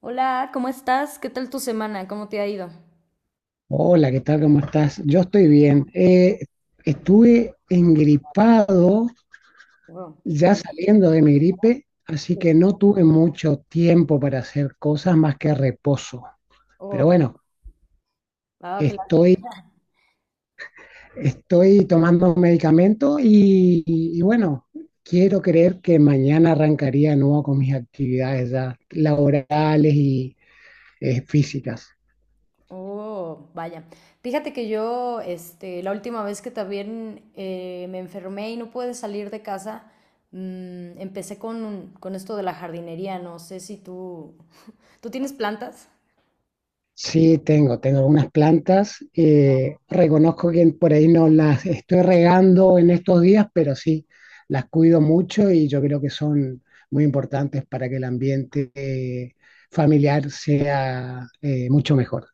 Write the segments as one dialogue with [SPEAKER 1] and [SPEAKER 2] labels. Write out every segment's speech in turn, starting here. [SPEAKER 1] Hola, ¿cómo estás? ¿Qué tal tu semana? ¿Cómo te ha ido?
[SPEAKER 2] Hola, ¿qué tal? ¿Cómo estás? Yo estoy bien. Estuve engripado,
[SPEAKER 1] Oh,
[SPEAKER 2] ya saliendo de mi gripe, así
[SPEAKER 1] sí.
[SPEAKER 2] que no tuve mucho tiempo para hacer cosas más que reposo. Pero
[SPEAKER 1] Oh,
[SPEAKER 2] bueno,
[SPEAKER 1] ah, qué lástima.
[SPEAKER 2] estoy, estoy tomando un medicamento y bueno, quiero creer que mañana arrancaría de nuevo con mis actividades ya laborales y físicas.
[SPEAKER 1] Oh, vaya. Fíjate que yo, este, la última vez que también me enfermé y no pude salir de casa, empecé con esto de la jardinería. No sé si tú, ¿tú tienes plantas?
[SPEAKER 2] Sí, tengo algunas plantas. Reconozco que por ahí no las estoy regando en estos días, pero sí, las cuido mucho y yo creo que son muy importantes para que el ambiente familiar sea mucho mejor.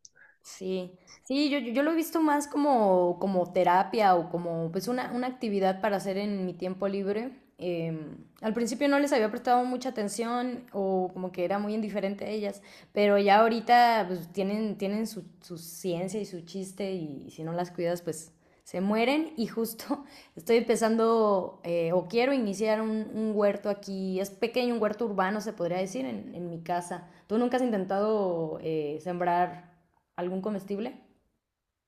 [SPEAKER 1] Sí, sí, yo lo he visto más como terapia o como pues una actividad para hacer en mi tiempo libre. Al principio no les había prestado mucha atención o como que era muy indiferente a ellas, pero ya ahorita pues tienen su ciencia y su chiste y si no las cuidas pues se mueren y justo estoy empezando o quiero iniciar un huerto aquí, es pequeño, un huerto urbano se podría decir en mi casa. ¿Tú nunca has intentado sembrar algún comestible?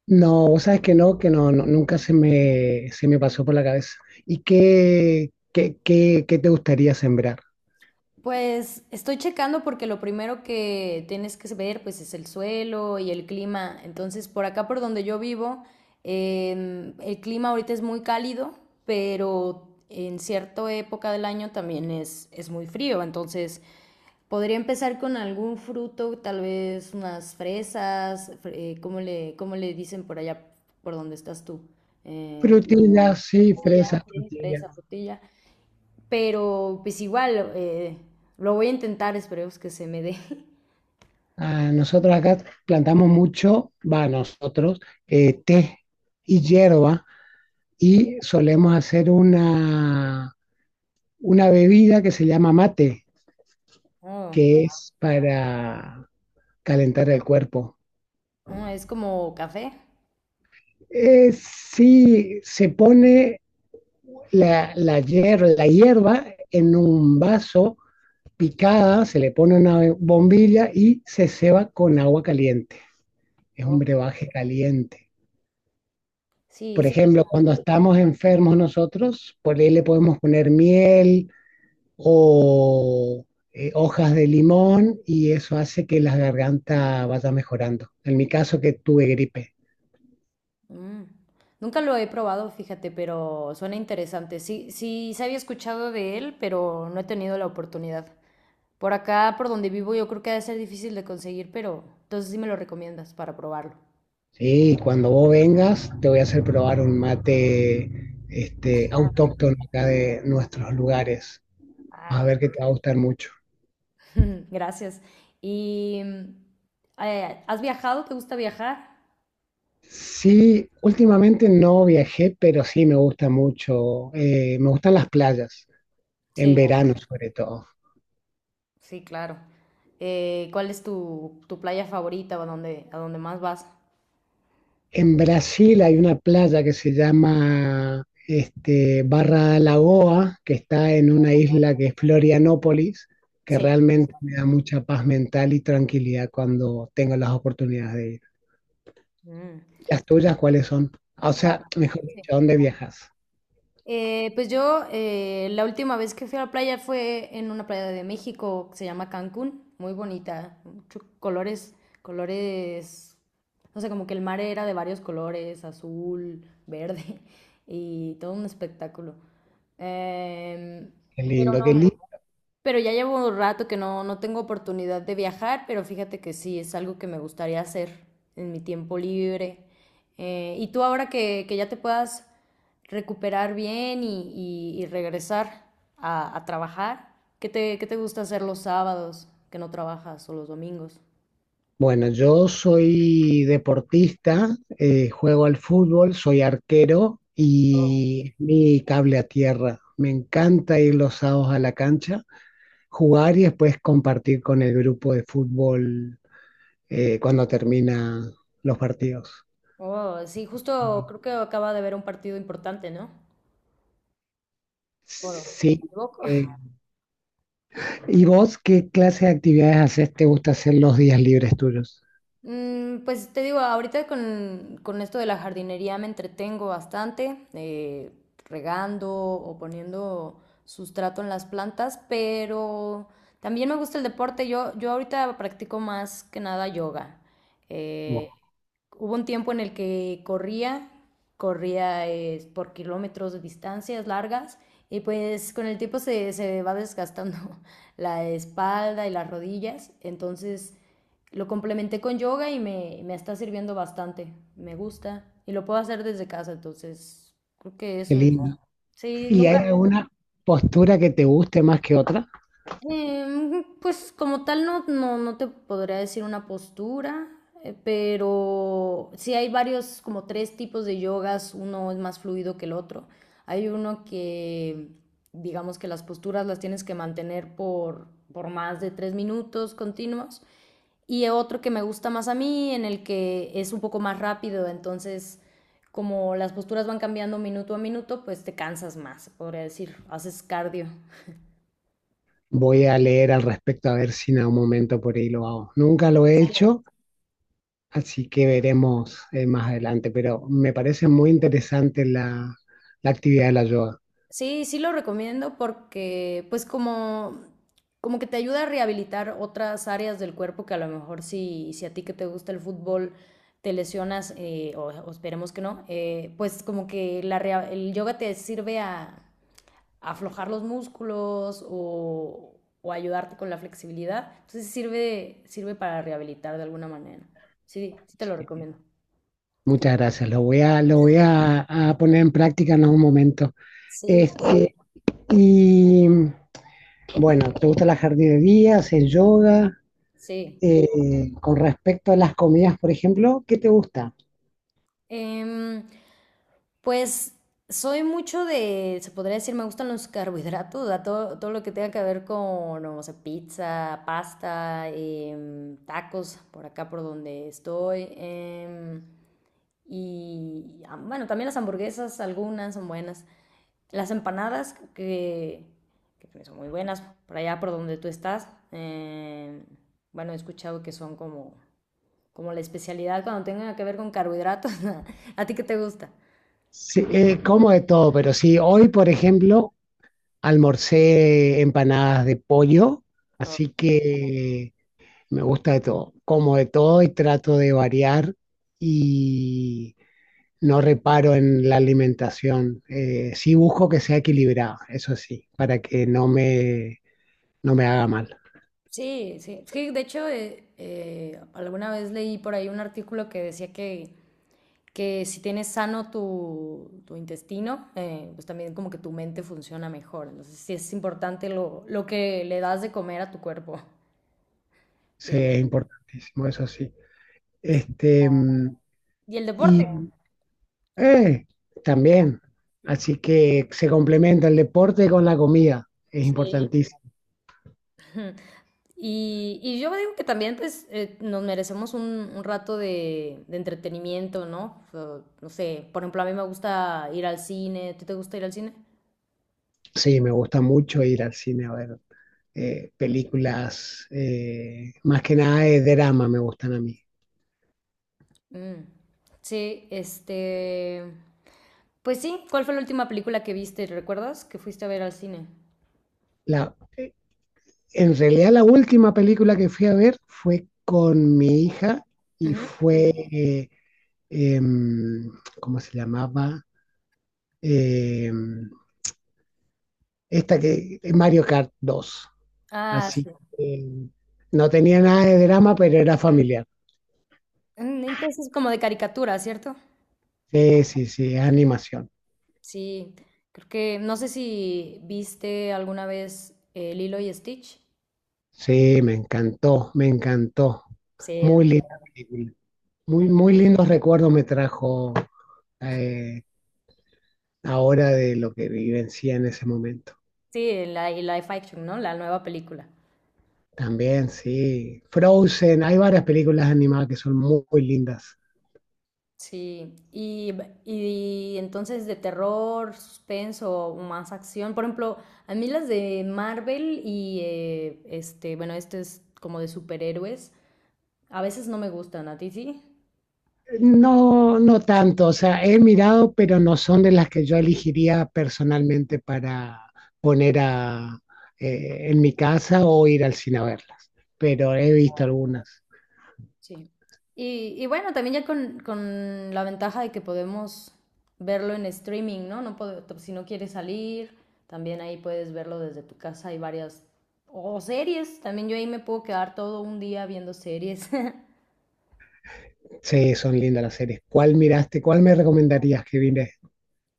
[SPEAKER 2] No, vos sabes que no, no, nunca se me pasó por la cabeza. ¿Y qué te gustaría sembrar?
[SPEAKER 1] Pues estoy checando porque lo primero que tienes que ver pues es el suelo y el clima. Entonces por acá por donde yo vivo el clima ahorita es muy cálido, pero en cierta época del año también es muy frío. Entonces podría empezar con algún fruto, tal vez unas ¿cómo cómo le dicen por allá por donde estás tú? Eh,
[SPEAKER 2] Frutillas, sí,
[SPEAKER 1] frutilla,
[SPEAKER 2] fresas,
[SPEAKER 1] sí,
[SPEAKER 2] frutillas.
[SPEAKER 1] fresa, frutilla. Pero pues igual, lo voy a intentar, esperemos que se me dé.
[SPEAKER 2] Ah, nosotros acá plantamos mucho, va, nosotros, té y hierba y solemos hacer una bebida que se llama mate,
[SPEAKER 1] Oh,
[SPEAKER 2] que es para calentar el cuerpo.
[SPEAKER 1] oh, es como café.
[SPEAKER 2] Sí, se pone la hierba en un vaso picada, se le pone una bombilla y se ceba con agua caliente. Es un
[SPEAKER 1] Oh,
[SPEAKER 2] brebaje caliente.
[SPEAKER 1] sí,
[SPEAKER 2] Por
[SPEAKER 1] sí.
[SPEAKER 2] ejemplo, cuando estamos enfermos nosotros, por ahí le podemos poner miel o hojas de limón y eso hace que la garganta vaya mejorando. En mi caso que tuve gripe.
[SPEAKER 1] Mm. Nunca lo he probado, fíjate, pero suena interesante. Sí, sí, se había escuchado de él, pero no he tenido la oportunidad. Por acá, por donde vivo, yo creo que ha de ser difícil de conseguir, pero entonces sí me lo recomiendas para probarlo.
[SPEAKER 2] Sí, cuando vos vengas te voy a hacer probar un mate este, autóctono acá de nuestros lugares. Vas a ver que te va a gustar mucho.
[SPEAKER 1] Gracias. ¿Y has viajado? ¿Te gusta viajar?
[SPEAKER 2] Sí, últimamente no viajé, pero sí me gusta mucho. Me gustan las playas, en
[SPEAKER 1] Sí.
[SPEAKER 2] verano sobre todo.
[SPEAKER 1] Sí, claro. ¿Cuál es tu playa favorita o a dónde más vas?
[SPEAKER 2] En Brasil hay una playa que se llama este, Barra da Lagoa, que está en una isla que es Florianópolis, que
[SPEAKER 1] Sí.
[SPEAKER 2] realmente me da mucha paz mental y tranquilidad cuando tengo las oportunidades de ir.
[SPEAKER 1] Mm.
[SPEAKER 2] ¿Las tuyas cuáles son? Ah, o sea,
[SPEAKER 1] Habana,
[SPEAKER 2] mejor
[SPEAKER 1] sí.
[SPEAKER 2] dicho, ¿a dónde viajas?
[SPEAKER 1] Pues yo la última vez que fui a la playa fue en una playa de México que se llama Cancún, muy bonita, muchos colores, colores, no sé, como que el mar era de varios colores, azul, verde y todo un espectáculo. Em,
[SPEAKER 2] Qué
[SPEAKER 1] pero
[SPEAKER 2] lindo, qué
[SPEAKER 1] no,
[SPEAKER 2] lindo.
[SPEAKER 1] Pero ya llevo un rato que no, no tengo oportunidad de viajar, pero fíjate que sí, es algo que me gustaría hacer en mi tiempo libre. Y tú ahora que ya te puedas recuperar bien y regresar a trabajar, ¿qué qué te gusta hacer los sábados que no trabajas o los domingos?
[SPEAKER 2] Bueno, yo soy deportista, juego al fútbol, soy arquero y mi cable a tierra. Me encanta ir los sábados a la cancha, jugar y después compartir con el grupo de fútbol cuando termina los partidos.
[SPEAKER 1] Oh, sí, justo creo que acaba de haber un partido importante, ¿no? Oro, ¿me
[SPEAKER 2] Sí.
[SPEAKER 1] equivoco?
[SPEAKER 2] eh, ¿Y vos qué clase de actividades haces? ¿Te gusta hacer los días libres tuyos?
[SPEAKER 1] Mm, pues te digo, ahorita con esto de la jardinería me entretengo bastante, regando o poniendo sustrato en las plantas, pero también me gusta el deporte. Yo ahorita practico más que nada yoga.
[SPEAKER 2] Wow,
[SPEAKER 1] Eh, hubo un tiempo en el que corría, corría por kilómetros de distancias largas y pues con el tiempo se va desgastando la espalda y las rodillas, entonces... Lo complementé con yoga y me está sirviendo bastante. Me gusta. Y lo puedo hacer desde casa, entonces creo que
[SPEAKER 2] qué
[SPEAKER 1] eso es.
[SPEAKER 2] lindo.
[SPEAKER 1] Sí,
[SPEAKER 2] ¿Y hay
[SPEAKER 1] nunca.
[SPEAKER 2] alguna postura que te guste más que otra?
[SPEAKER 1] Em, pues como tal no, no, no te podría decir una postura, pero sí hay varios, como tres tipos de yogas. Uno es más fluido que el otro. Hay uno que, digamos que las posturas las tienes que mantener por más de tres minutos continuos. Y otro que me gusta más a mí, en el que es un poco más rápido, entonces como las posturas van cambiando minuto a minuto, pues te cansas más, podría decir, haces cardio.
[SPEAKER 2] Voy a leer al respecto a ver si en algún momento por ahí lo hago. Nunca lo he hecho, así que veremos más adelante, pero me parece muy interesante la actividad de la yoga.
[SPEAKER 1] Sí, sí lo recomiendo porque pues como como que te ayuda a rehabilitar otras áreas del cuerpo que a lo mejor si, si a ti que te gusta el fútbol te lesionas, esperemos que no, pues como que el yoga te sirve a, aflojar los músculos o ayudarte con la flexibilidad. Entonces sirve, sirve para rehabilitar de alguna manera. Sí, sí te lo recomiendo.
[SPEAKER 2] Muchas gracias, a poner en práctica en algún momento.
[SPEAKER 1] Sí,
[SPEAKER 2] Este, y bueno, ¿te gusta la jardinería? ¿Haces yoga?
[SPEAKER 1] sí.
[SPEAKER 2] Con respecto a las comidas, por ejemplo, ¿qué te gusta?
[SPEAKER 1] Em, pues soy mucho de, se podría decir, me gustan los carbohidratos, o sea, todo, todo lo que tenga que ver con, no sé, pizza, pasta, tacos, por acá por donde estoy. Bueno, también las hamburguesas, algunas son buenas. Las empanadas que pues, son muy buenas por allá por donde tú estás. Bueno, he escuchado que son como, como la especialidad cuando tenga que ver con carbohidratos. ¿A ti qué te gusta?
[SPEAKER 2] Sí, como de todo, pero sí, hoy, por ejemplo, almorcé empanadas de pollo,
[SPEAKER 1] Oh,
[SPEAKER 2] así que me gusta de todo. Como de todo y trato de variar y no reparo en la alimentación. Sí busco que sea equilibrada, eso sí, para que no me haga mal.
[SPEAKER 1] sí, sí. Es que, de hecho, alguna vez leí por ahí un artículo que decía que si tienes sano tu intestino, pues también como que tu mente funciona mejor. Entonces, sí es importante lo que le das de comer a tu cuerpo.
[SPEAKER 2] Sí,
[SPEAKER 1] Sí.
[SPEAKER 2] es importantísimo, eso sí. Este, mm,
[SPEAKER 1] Y el deporte.
[SPEAKER 2] y eh, también, así que se complementa el deporte con la comida, es
[SPEAKER 1] Sí.
[SPEAKER 2] importantísimo.
[SPEAKER 1] Ujú. Y yo digo que también pues nos merecemos un rato de entretenimiento, ¿no? O, no sé, por ejemplo, a mí me gusta ir al cine, ¿tú te gusta ir al cine?
[SPEAKER 2] Sí, me gusta mucho ir al cine a ver películas, más que nada de drama me gustan a mí.
[SPEAKER 1] Mm. Sí, este... Pues sí, ¿cuál fue la última película que viste? ¿Recuerdas que fuiste a ver al cine?
[SPEAKER 2] La, En realidad la última película que fui a ver fue con mi hija y
[SPEAKER 1] Ujú.
[SPEAKER 2] fue, em, ¿cómo se llamaba? Em, esta que, Mario Kart 2.
[SPEAKER 1] Ah,
[SPEAKER 2] Así
[SPEAKER 1] sí.
[SPEAKER 2] que em, no tenía nada de drama, pero era familiar.
[SPEAKER 1] Mm, entonces como de caricatura, ¿cierto?
[SPEAKER 2] Sí, sí, sí, es animación.
[SPEAKER 1] Sí, creo que no sé si viste alguna vez Lilo y Stitch.
[SPEAKER 2] Sí, me encantó, me encantó.
[SPEAKER 1] Sí.
[SPEAKER 2] Muy linda película. Muy, muy lindos recuerdos me trajo eh, ahora de lo que vivencia en ese momento.
[SPEAKER 1] Sí, la y live action, ¿no? La nueva película.
[SPEAKER 2] También, sí. Frozen, hay varias películas animadas que son muy, muy lindas.
[SPEAKER 1] Sí, y entonces de terror, suspenso, más acción. Por ejemplo, a mí las de Marvel y este, bueno, este es como de superhéroes, a veces no me gustan, ¿a ti sí?
[SPEAKER 2] No, no tanto, o sea, he mirado, pero no son de las que yo elegiría personalmente para poner a, en mi casa o ir al cine a verlas, pero he visto algunas.
[SPEAKER 1] Sí. Y bueno, también ya con la ventaja de que podemos verlo en streaming, ¿no? No puedo- t- si no quieres salir, también ahí puedes verlo desde tu casa. Hay varias... O series, también yo ahí me puedo quedar todo un día viendo series.
[SPEAKER 2] Sí, son lindas las series. ¿Cuál miraste? ¿Cuál me recomendarías que vine?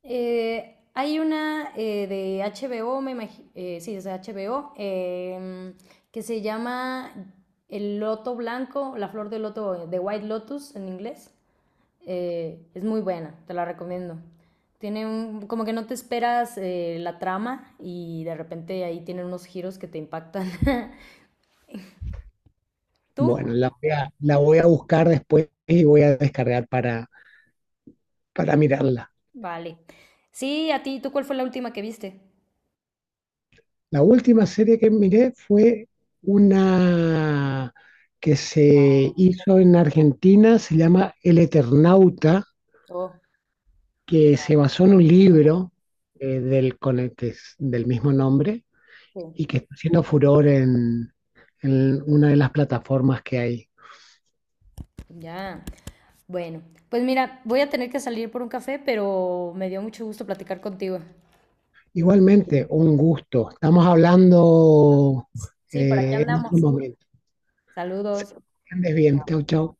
[SPEAKER 1] Hay una de HBO, me imagi- sí, es de HBO, que se llama El Loto Blanco, la flor del loto, de White Lotus en inglés. Es muy buena, te la recomiendo. Tiene un, como que no te esperas la trama y de repente ahí tienen unos giros que te impactan. ¿Tú?
[SPEAKER 2] Bueno, la voy a buscar después y voy a descargar para mirarla.
[SPEAKER 1] Vale. Sí, a ti, ¿tú cuál fue la última que viste?
[SPEAKER 2] La última serie que miré fue una que se hizo en Argentina, se llama El Eternauta,
[SPEAKER 1] Oh,
[SPEAKER 2] que se basó en un libro del, con el que es del mismo nombre
[SPEAKER 1] sí.
[SPEAKER 2] y que está haciendo furor en una de las plataformas que hay.
[SPEAKER 1] Ya. Bueno, pues mira, voy a tener que salir por un café, pero me dio mucho gusto platicar contigo.
[SPEAKER 2] Igualmente, un gusto. Estamos hablando
[SPEAKER 1] Sí, por aquí
[SPEAKER 2] en
[SPEAKER 1] andamos.
[SPEAKER 2] otro momento.
[SPEAKER 1] Saludos.
[SPEAKER 2] Que Andes bien. Chau, chau.